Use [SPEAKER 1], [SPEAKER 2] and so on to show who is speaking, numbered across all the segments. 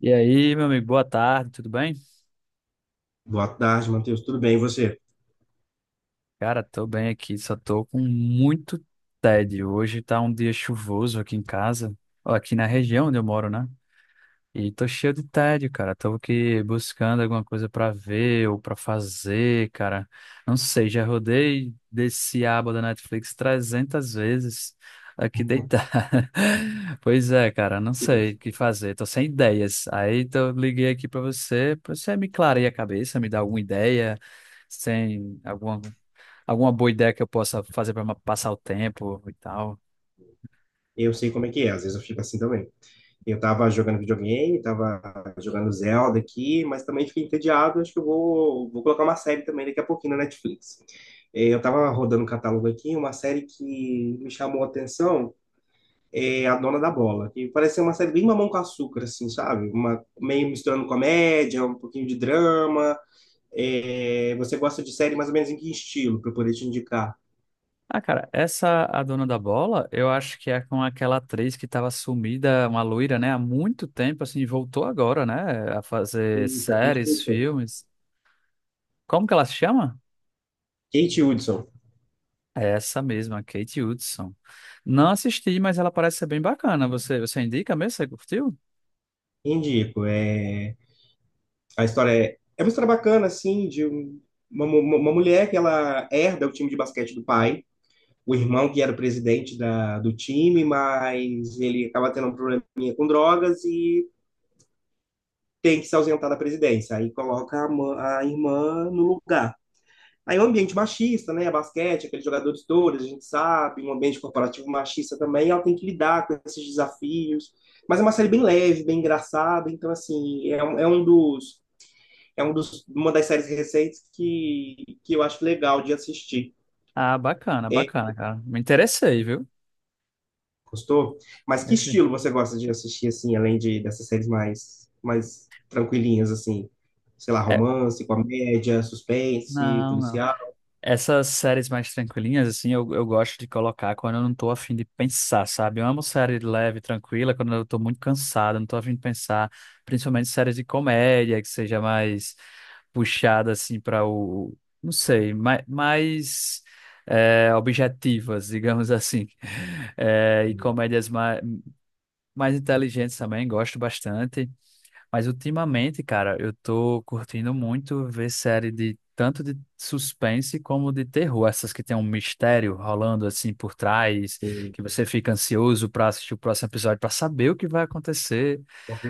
[SPEAKER 1] E aí, meu amigo, boa tarde, tudo bem?
[SPEAKER 2] Boa tarde, Matheus. Tudo bem, e você?
[SPEAKER 1] Cara, tô bem aqui, só tô com muito tédio. Hoje tá um dia chuvoso aqui em casa, ó, aqui na região onde eu moro, né? E tô cheio de tédio, cara. Tô aqui buscando alguma coisa pra ver ou pra fazer, cara. Não sei, já rodei desse aba da Netflix 300 vezes aqui deitado. Pois é, cara, não sei
[SPEAKER 2] Isso.
[SPEAKER 1] o que fazer. Tô sem ideias. Aí tô liguei aqui pra você me clarear a cabeça, me dar alguma ideia, sem alguma boa ideia que eu possa fazer pra passar o tempo e tal.
[SPEAKER 2] Eu sei como é que é, às vezes eu fico assim também. Eu tava jogando videogame, tava jogando Zelda aqui, mas também fiquei entediado. Acho que eu vou colocar uma série também daqui a pouquinho na Netflix. Eu tava rodando um catálogo aqui, uma série que me chamou a atenção é A Dona da Bola, que parece ser uma série bem Mamão com Açúcar, assim, sabe? Uma, meio misturando comédia, um pouquinho de drama. Você gosta de série mais ou menos em que estilo, para eu poder te indicar?
[SPEAKER 1] Ah, cara, essa a dona da bola, eu acho que é com aquela atriz que estava sumida, uma loira, né, há muito tempo, assim, voltou agora, né, a fazer
[SPEAKER 2] Eita, quem te
[SPEAKER 1] séries, filmes. Como que ela se chama?
[SPEAKER 2] Kate Hudson.
[SPEAKER 1] É essa mesma, Kate Hudson. Não assisti, mas ela parece ser bem bacana. Você indica mesmo? Você curtiu?
[SPEAKER 2] Indico. É, a história é uma história bacana, assim, uma mulher que ela herda o time de basquete do pai, o irmão que era o presidente do time, mas ele acaba tendo um probleminha com drogas e tem que se ausentar da presidência. Aí coloca a irmã no lugar. Aí é um ambiente machista, né? Basquete, aqueles jogadores todos, a gente sabe, um ambiente corporativo machista também, ela tem que lidar com esses desafios. Mas é uma série bem leve, bem engraçada, então, assim, é um dos, uma das séries recentes que eu acho legal de assistir.
[SPEAKER 1] Ah, bacana,
[SPEAKER 2] É,
[SPEAKER 1] bacana, cara. Me interessei, viu?
[SPEAKER 2] gostou? Mas que
[SPEAKER 1] Achei.
[SPEAKER 2] estilo você gosta de assistir, assim, além de dessas séries mais tranquilinhas, assim? Sei lá,
[SPEAKER 1] É,
[SPEAKER 2] romance, comédia, suspense,
[SPEAKER 1] não, não.
[SPEAKER 2] policial?
[SPEAKER 1] Essas séries mais tranquilinhas, assim, eu gosto de colocar quando eu não tô afim de pensar, sabe? Eu amo série leve, tranquila, quando eu tô muito cansado, não tô afim de pensar, principalmente séries de comédia, que seja mais puxada, assim, para o, não sei, mais objetivas, digamos assim. É, e comédias mais inteligentes também, gosto bastante. Mas ultimamente, cara, eu tô curtindo muito ver série de tanto de suspense como de terror, essas que tem um mistério rolando assim por trás,
[SPEAKER 2] Ou-
[SPEAKER 1] que você fica ansioso pra assistir o próximo episódio pra saber o que vai acontecer.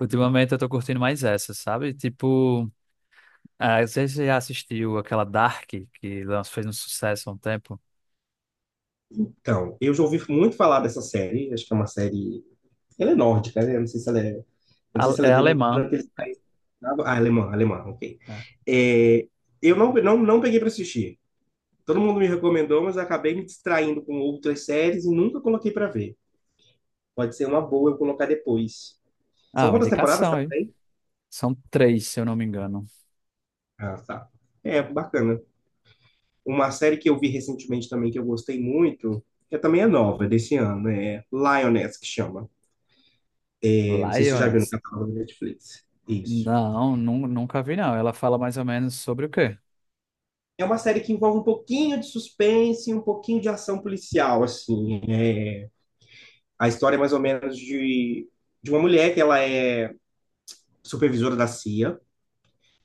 [SPEAKER 1] Ultimamente eu tô curtindo mais essas, sabe? Tipo, ah, você já assistiu aquela Dark que fez um sucesso há um tempo?
[SPEAKER 2] Então, eu já ouvi muito falar dessa série, acho que é uma série. Ela é nórdica, né? Eu não sei se ela é. Eu não sei
[SPEAKER 1] A-
[SPEAKER 2] se ela é
[SPEAKER 1] É
[SPEAKER 2] de algum
[SPEAKER 1] alemã.
[SPEAKER 2] daqueles.
[SPEAKER 1] É.
[SPEAKER 2] Ah, alemã, alemã, ok.
[SPEAKER 1] É.
[SPEAKER 2] É, eu não peguei para assistir. Todo mundo me recomendou, mas eu acabei me distraindo com outras séries e nunca coloquei para ver. Pode ser uma boa eu colocar depois. São
[SPEAKER 1] Ah, uma
[SPEAKER 2] quantas temporadas que
[SPEAKER 1] indicação
[SPEAKER 2] ela
[SPEAKER 1] aí.
[SPEAKER 2] tem?
[SPEAKER 1] São três, se eu não me engano.
[SPEAKER 2] Ah, tá. É, bacana. Uma série que eu vi recentemente também, que eu gostei muito, que também é nova, é desse ano, é Lioness, que chama. É, não sei se você já viu no
[SPEAKER 1] Lioness.
[SPEAKER 2] catálogo da Netflix. Isso.
[SPEAKER 1] Não, nunca vi não. Ela fala mais ou menos sobre o quê?
[SPEAKER 2] É uma série que envolve um pouquinho de suspense, e um pouquinho de ação policial, assim. É, a história é mais ou menos de uma mulher que ela é supervisora da CIA,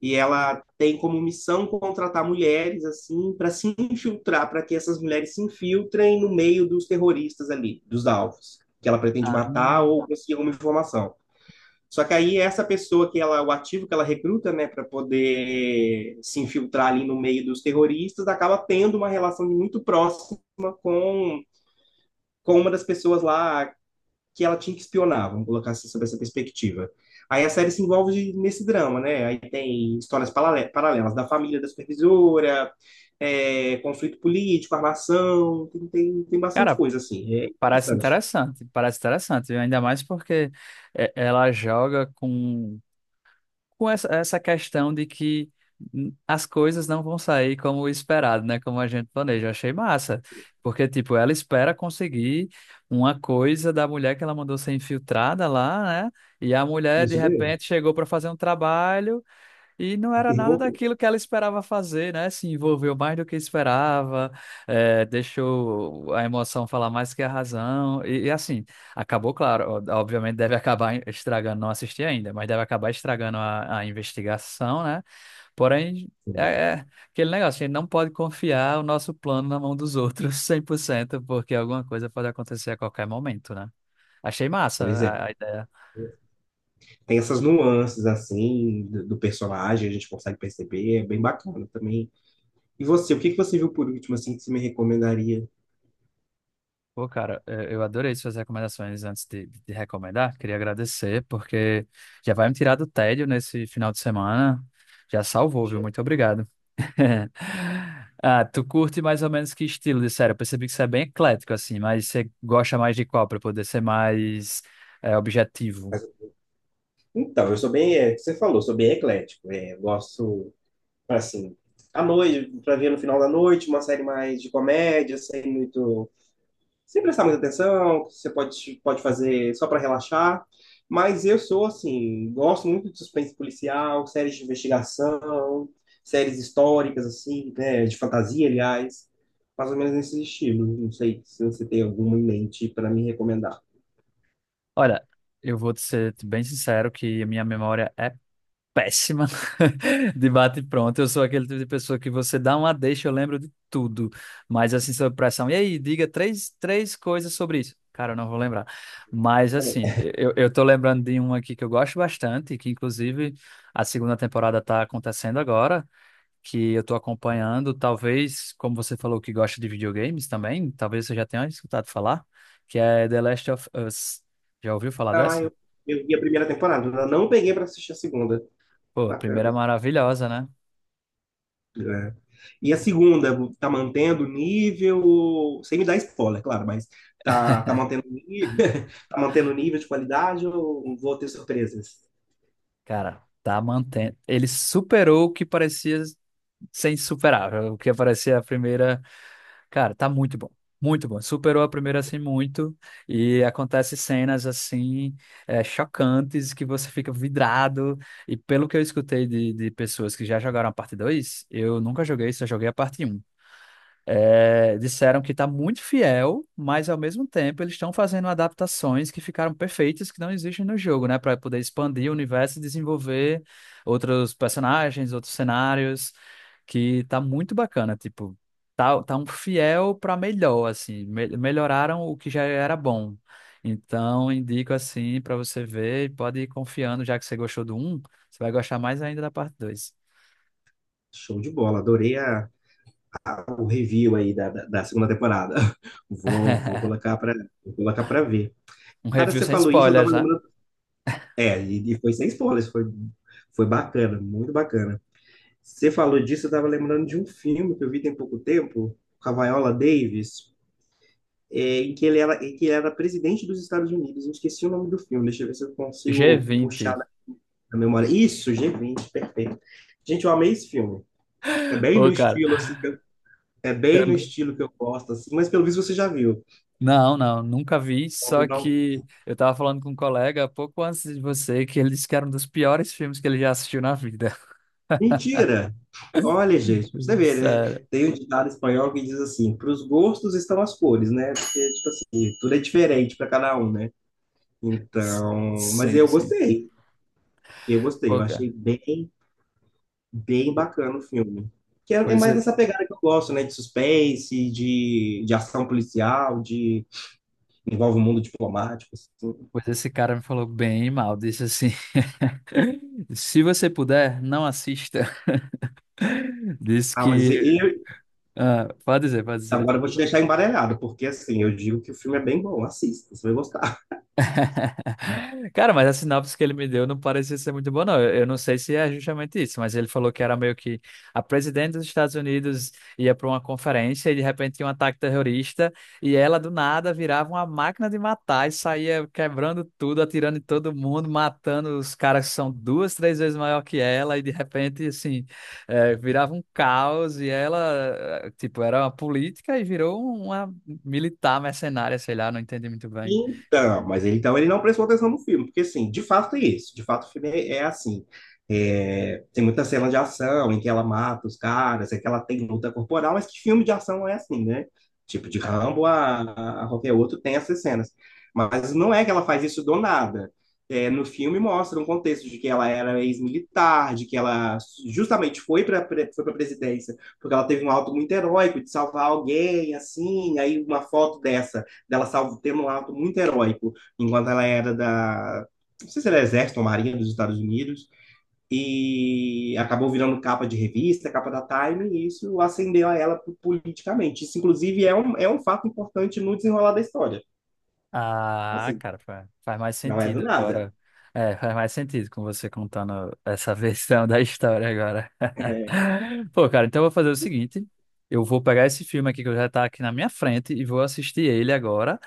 [SPEAKER 2] e ela tem como missão contratar mulheres assim para se infiltrar, para que essas mulheres se infiltrem no meio dos terroristas ali, dos alvos que ela pretende
[SPEAKER 1] Ah,
[SPEAKER 2] matar ou conseguir alguma informação. Só que aí essa pessoa que ela, o ativo que ela recruta, né, para poder se infiltrar ali no meio dos terroristas, acaba tendo uma relação muito próxima com com uma das pessoas lá que ela tinha que espionar, vamos colocar assim, sob essa perspectiva. Aí a série se envolve nesse drama, né? Aí tem histórias paralelas da família da supervisora, é, conflito político, armação, tem bastante
[SPEAKER 1] cara,
[SPEAKER 2] coisa, assim. É interessante.
[SPEAKER 1] parece interessante, ainda mais porque é, ela joga com essa questão de que as coisas não vão sair como esperado, né? Como a gente planeja. Achei massa, porque, tipo, ela espera conseguir uma coisa da mulher que ela mandou ser infiltrada lá, né? E a mulher, de
[SPEAKER 2] Isso mesmo.
[SPEAKER 1] repente, chegou para fazer um trabalho. E não era
[SPEAKER 2] E
[SPEAKER 1] nada
[SPEAKER 2] revoltou.
[SPEAKER 1] daquilo que ela esperava fazer, né? Se envolveu mais do que esperava, deixou a emoção falar mais que a razão. E assim, acabou, claro, ó, obviamente deve acabar estragando, não assisti ainda, mas deve acabar estragando a investigação, né? Porém, é,
[SPEAKER 2] Sim.
[SPEAKER 1] é aquele negócio, a gente não pode confiar o nosso plano na mão dos outros 100%, porque alguma coisa pode acontecer a qualquer momento, né? Achei massa
[SPEAKER 2] Pois é.
[SPEAKER 1] a ideia.
[SPEAKER 2] Tem essas nuances, assim, do personagem, a gente consegue perceber, é bem bacana também. E você, o que que você viu por último, assim, que você me recomendaria?
[SPEAKER 1] Pô, cara, eu adorei suas recomendações antes de recomendar. Queria agradecer, porque já vai me tirar do tédio nesse final de semana. Já salvou,
[SPEAKER 2] Deixa
[SPEAKER 1] viu?
[SPEAKER 2] eu-
[SPEAKER 1] Muito obrigado. Ah, tu curte mais ou menos que estilo de série? Eu percebi que você é bem eclético, assim, mas você gosta mais de qual para poder ser mais objetivo?
[SPEAKER 2] Mas- Então, eu sou bem, é, o que você falou, sou bem eclético. É, eu gosto assim, à noite, pra ver no final da noite, uma série mais de comédia, sem muito, sem prestar muita atenção, que você pode fazer só para relaxar. Mas eu sou, assim, gosto muito de suspense policial, séries de investigação, séries históricas, assim, né, de fantasia, aliás, mais ou menos nesse estilo. Não sei se você tem alguma em mente para me recomendar.
[SPEAKER 1] Olha, eu vou te ser bem sincero que a minha memória é péssima de bate e pronto. Eu sou aquele tipo de pessoa que você dá uma deixa, eu lembro de tudo. Mas assim, sob pressão. E aí, diga três coisas sobre isso. Cara, eu não vou lembrar. Mas assim, eu tô lembrando de um aqui que eu gosto bastante, que inclusive a segunda temporada tá acontecendo agora, que eu tô acompanhando. Talvez, como você falou que gosta de videogames também, talvez você já tenha escutado falar, que é The Last of Us. Já ouviu falar
[SPEAKER 2] Ah,
[SPEAKER 1] dessa?
[SPEAKER 2] eu vi a primeira temporada, ainda não peguei para assistir a segunda.
[SPEAKER 1] Pô, a primeira é
[SPEAKER 2] Bacana.
[SPEAKER 1] maravilhosa, né?
[SPEAKER 2] Né? E a segunda, tá mantendo o nível, sem me dar spoiler, claro, mas tá mantendo o nível, tá mantendo o nível de qualidade ou vou ter surpresas?
[SPEAKER 1] Cara, tá mantendo. Ele superou o que parecia ser insuperável, o que parecia a primeira. Cara, tá muito bom. Muito bom. Superou a primeira assim muito. E acontece cenas assim chocantes que você fica vidrado. E pelo que eu escutei de pessoas que já jogaram a parte 2, eu nunca joguei, só joguei a parte um. É, disseram que está muito fiel, mas ao mesmo tempo eles estão fazendo adaptações que ficaram perfeitas, que não existem no jogo, né? Para poder expandir o universo e desenvolver outros personagens, outros cenários, que tá muito bacana. Tipo, tá um fiel para melhor, assim. Melhoraram o que já era bom. Então, indico assim para você ver e pode ir confiando, já que você gostou do um, você vai gostar mais ainda da parte dois.
[SPEAKER 2] Show de bola, adorei o review aí da segunda temporada. Vou, vou colocar para vou colocar para ver.
[SPEAKER 1] Um
[SPEAKER 2] Cara,
[SPEAKER 1] review
[SPEAKER 2] você
[SPEAKER 1] sem
[SPEAKER 2] falou isso, eu tava
[SPEAKER 1] spoilers, né?
[SPEAKER 2] lembrando. É, e foi sem spoilers, foi bacana, muito bacana. Você falou disso, eu tava lembrando de um filme que eu vi tem pouco tempo, com a Viola Davis. Em que ele era presidente dos Estados Unidos. Eu esqueci o nome do filme, deixa eu ver se eu
[SPEAKER 1] g
[SPEAKER 2] consigo
[SPEAKER 1] vinte.
[SPEAKER 2] puxar na memória. Isso, G20, perfeito. Gente, eu amei esse filme. É bem
[SPEAKER 1] Pô,
[SPEAKER 2] no
[SPEAKER 1] cara,
[SPEAKER 2] estilo, assim, que eu- É
[SPEAKER 1] eu
[SPEAKER 2] bem no
[SPEAKER 1] n-
[SPEAKER 2] estilo que eu gosto, assim, mas pelo visto você já viu.
[SPEAKER 1] não, não, nunca vi,
[SPEAKER 2] Não viu,
[SPEAKER 1] só
[SPEAKER 2] não?
[SPEAKER 1] que eu tava falando com um colega pouco antes de você que ele disse que era um dos piores filmes que ele já assistiu na vida.
[SPEAKER 2] Mentira! Olha, gente, pra você vê, né?
[SPEAKER 1] Sério.
[SPEAKER 2] Tem um ditado espanhol que diz assim: para os gostos estão as cores, né? Porque tudo é diferente para cada um, né?
[SPEAKER 1] S-
[SPEAKER 2] Então, mas
[SPEAKER 1] Sim,
[SPEAKER 2] eu
[SPEAKER 1] sim.
[SPEAKER 2] gostei, eu
[SPEAKER 1] Pô, cara,
[SPEAKER 2] achei bem. Bem bacana o filme. Que é, é
[SPEAKER 1] pois,
[SPEAKER 2] mais
[SPEAKER 1] é-
[SPEAKER 2] nessa pegada que eu gosto, né? De suspense, de ação policial, de envolve o mundo diplomático, assim.
[SPEAKER 1] pois esse cara me falou bem mal, disse assim, se você puder, não assista. Disse
[SPEAKER 2] Ah,
[SPEAKER 1] que, ah, pode dizer, pode dizer.
[SPEAKER 2] agora eu vou te deixar embaralhado, porque assim, eu digo que o filme é bem bom, assista, você vai gostar.
[SPEAKER 1] Cara, mas a sinopse que ele me deu não parecia ser muito boa, não. Eu não sei se é justamente isso, mas ele falou que era meio que a presidente dos Estados Unidos ia para uma conferência e de repente tinha um ataque terrorista e ela do nada virava uma máquina de matar e saía quebrando tudo, atirando em todo mundo, matando os caras que são duas, três vezes maior que ela e de repente, assim, virava um caos e ela, tipo, era uma política e virou uma militar mercenária, sei lá, não entendi muito bem.
[SPEAKER 2] Então, ele não prestou atenção no filme, porque assim, de fato é isso, de fato o filme é assim. É, tem muita cena de ação em que ela mata os caras, é que ela tem luta corporal, mas que filme de ação não é assim, né? Tipo, de
[SPEAKER 1] É.
[SPEAKER 2] Rambo a qualquer outro tem essas cenas. Mas não é que ela faz isso do nada. É, no filme mostra um contexto de que ela era ex-militar, de que ela justamente foi para presidência porque ela teve um alto muito heróico de salvar alguém, assim, aí uma foto dessa dela salvo tendo um ato muito heróico, enquanto ela era da, não sei se era exército ou marinha dos Estados Unidos, e acabou virando capa de revista, capa da Time, e isso acendeu a ela politicamente. Isso, inclusive, é um fato importante no desenrolar da história.
[SPEAKER 1] Ah,
[SPEAKER 2] Assim,
[SPEAKER 1] cara, faz mais
[SPEAKER 2] não é do
[SPEAKER 1] sentido
[SPEAKER 2] nada.
[SPEAKER 1] agora. É, faz mais sentido com você contando essa versão da história agora.
[SPEAKER 2] É
[SPEAKER 1] Pô, cara, então eu vou fazer o seguinte: eu vou pegar esse filme aqui que já tá aqui na minha frente e vou assistir ele agora.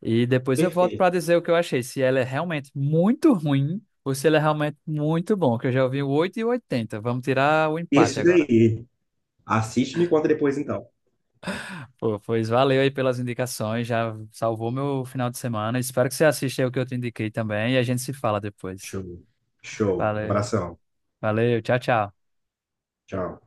[SPEAKER 1] E depois eu volto
[SPEAKER 2] perfeito.
[SPEAKER 1] pra dizer o que eu achei: se ele é realmente muito ruim ou se ele é realmente muito bom, que eu já ouvi o 8 e o 80. Vamos tirar o empate
[SPEAKER 2] Isso
[SPEAKER 1] agora.
[SPEAKER 2] aí. Assiste e me conta depois, então.
[SPEAKER 1] Pô, pois valeu aí pelas indicações, já salvou meu final de semana. Espero que você assista aí o que eu te indiquei também e a gente se fala depois.
[SPEAKER 2] Show. Show. Um
[SPEAKER 1] Valeu,
[SPEAKER 2] abração.
[SPEAKER 1] valeu, tchau, tchau.
[SPEAKER 2] Tchau.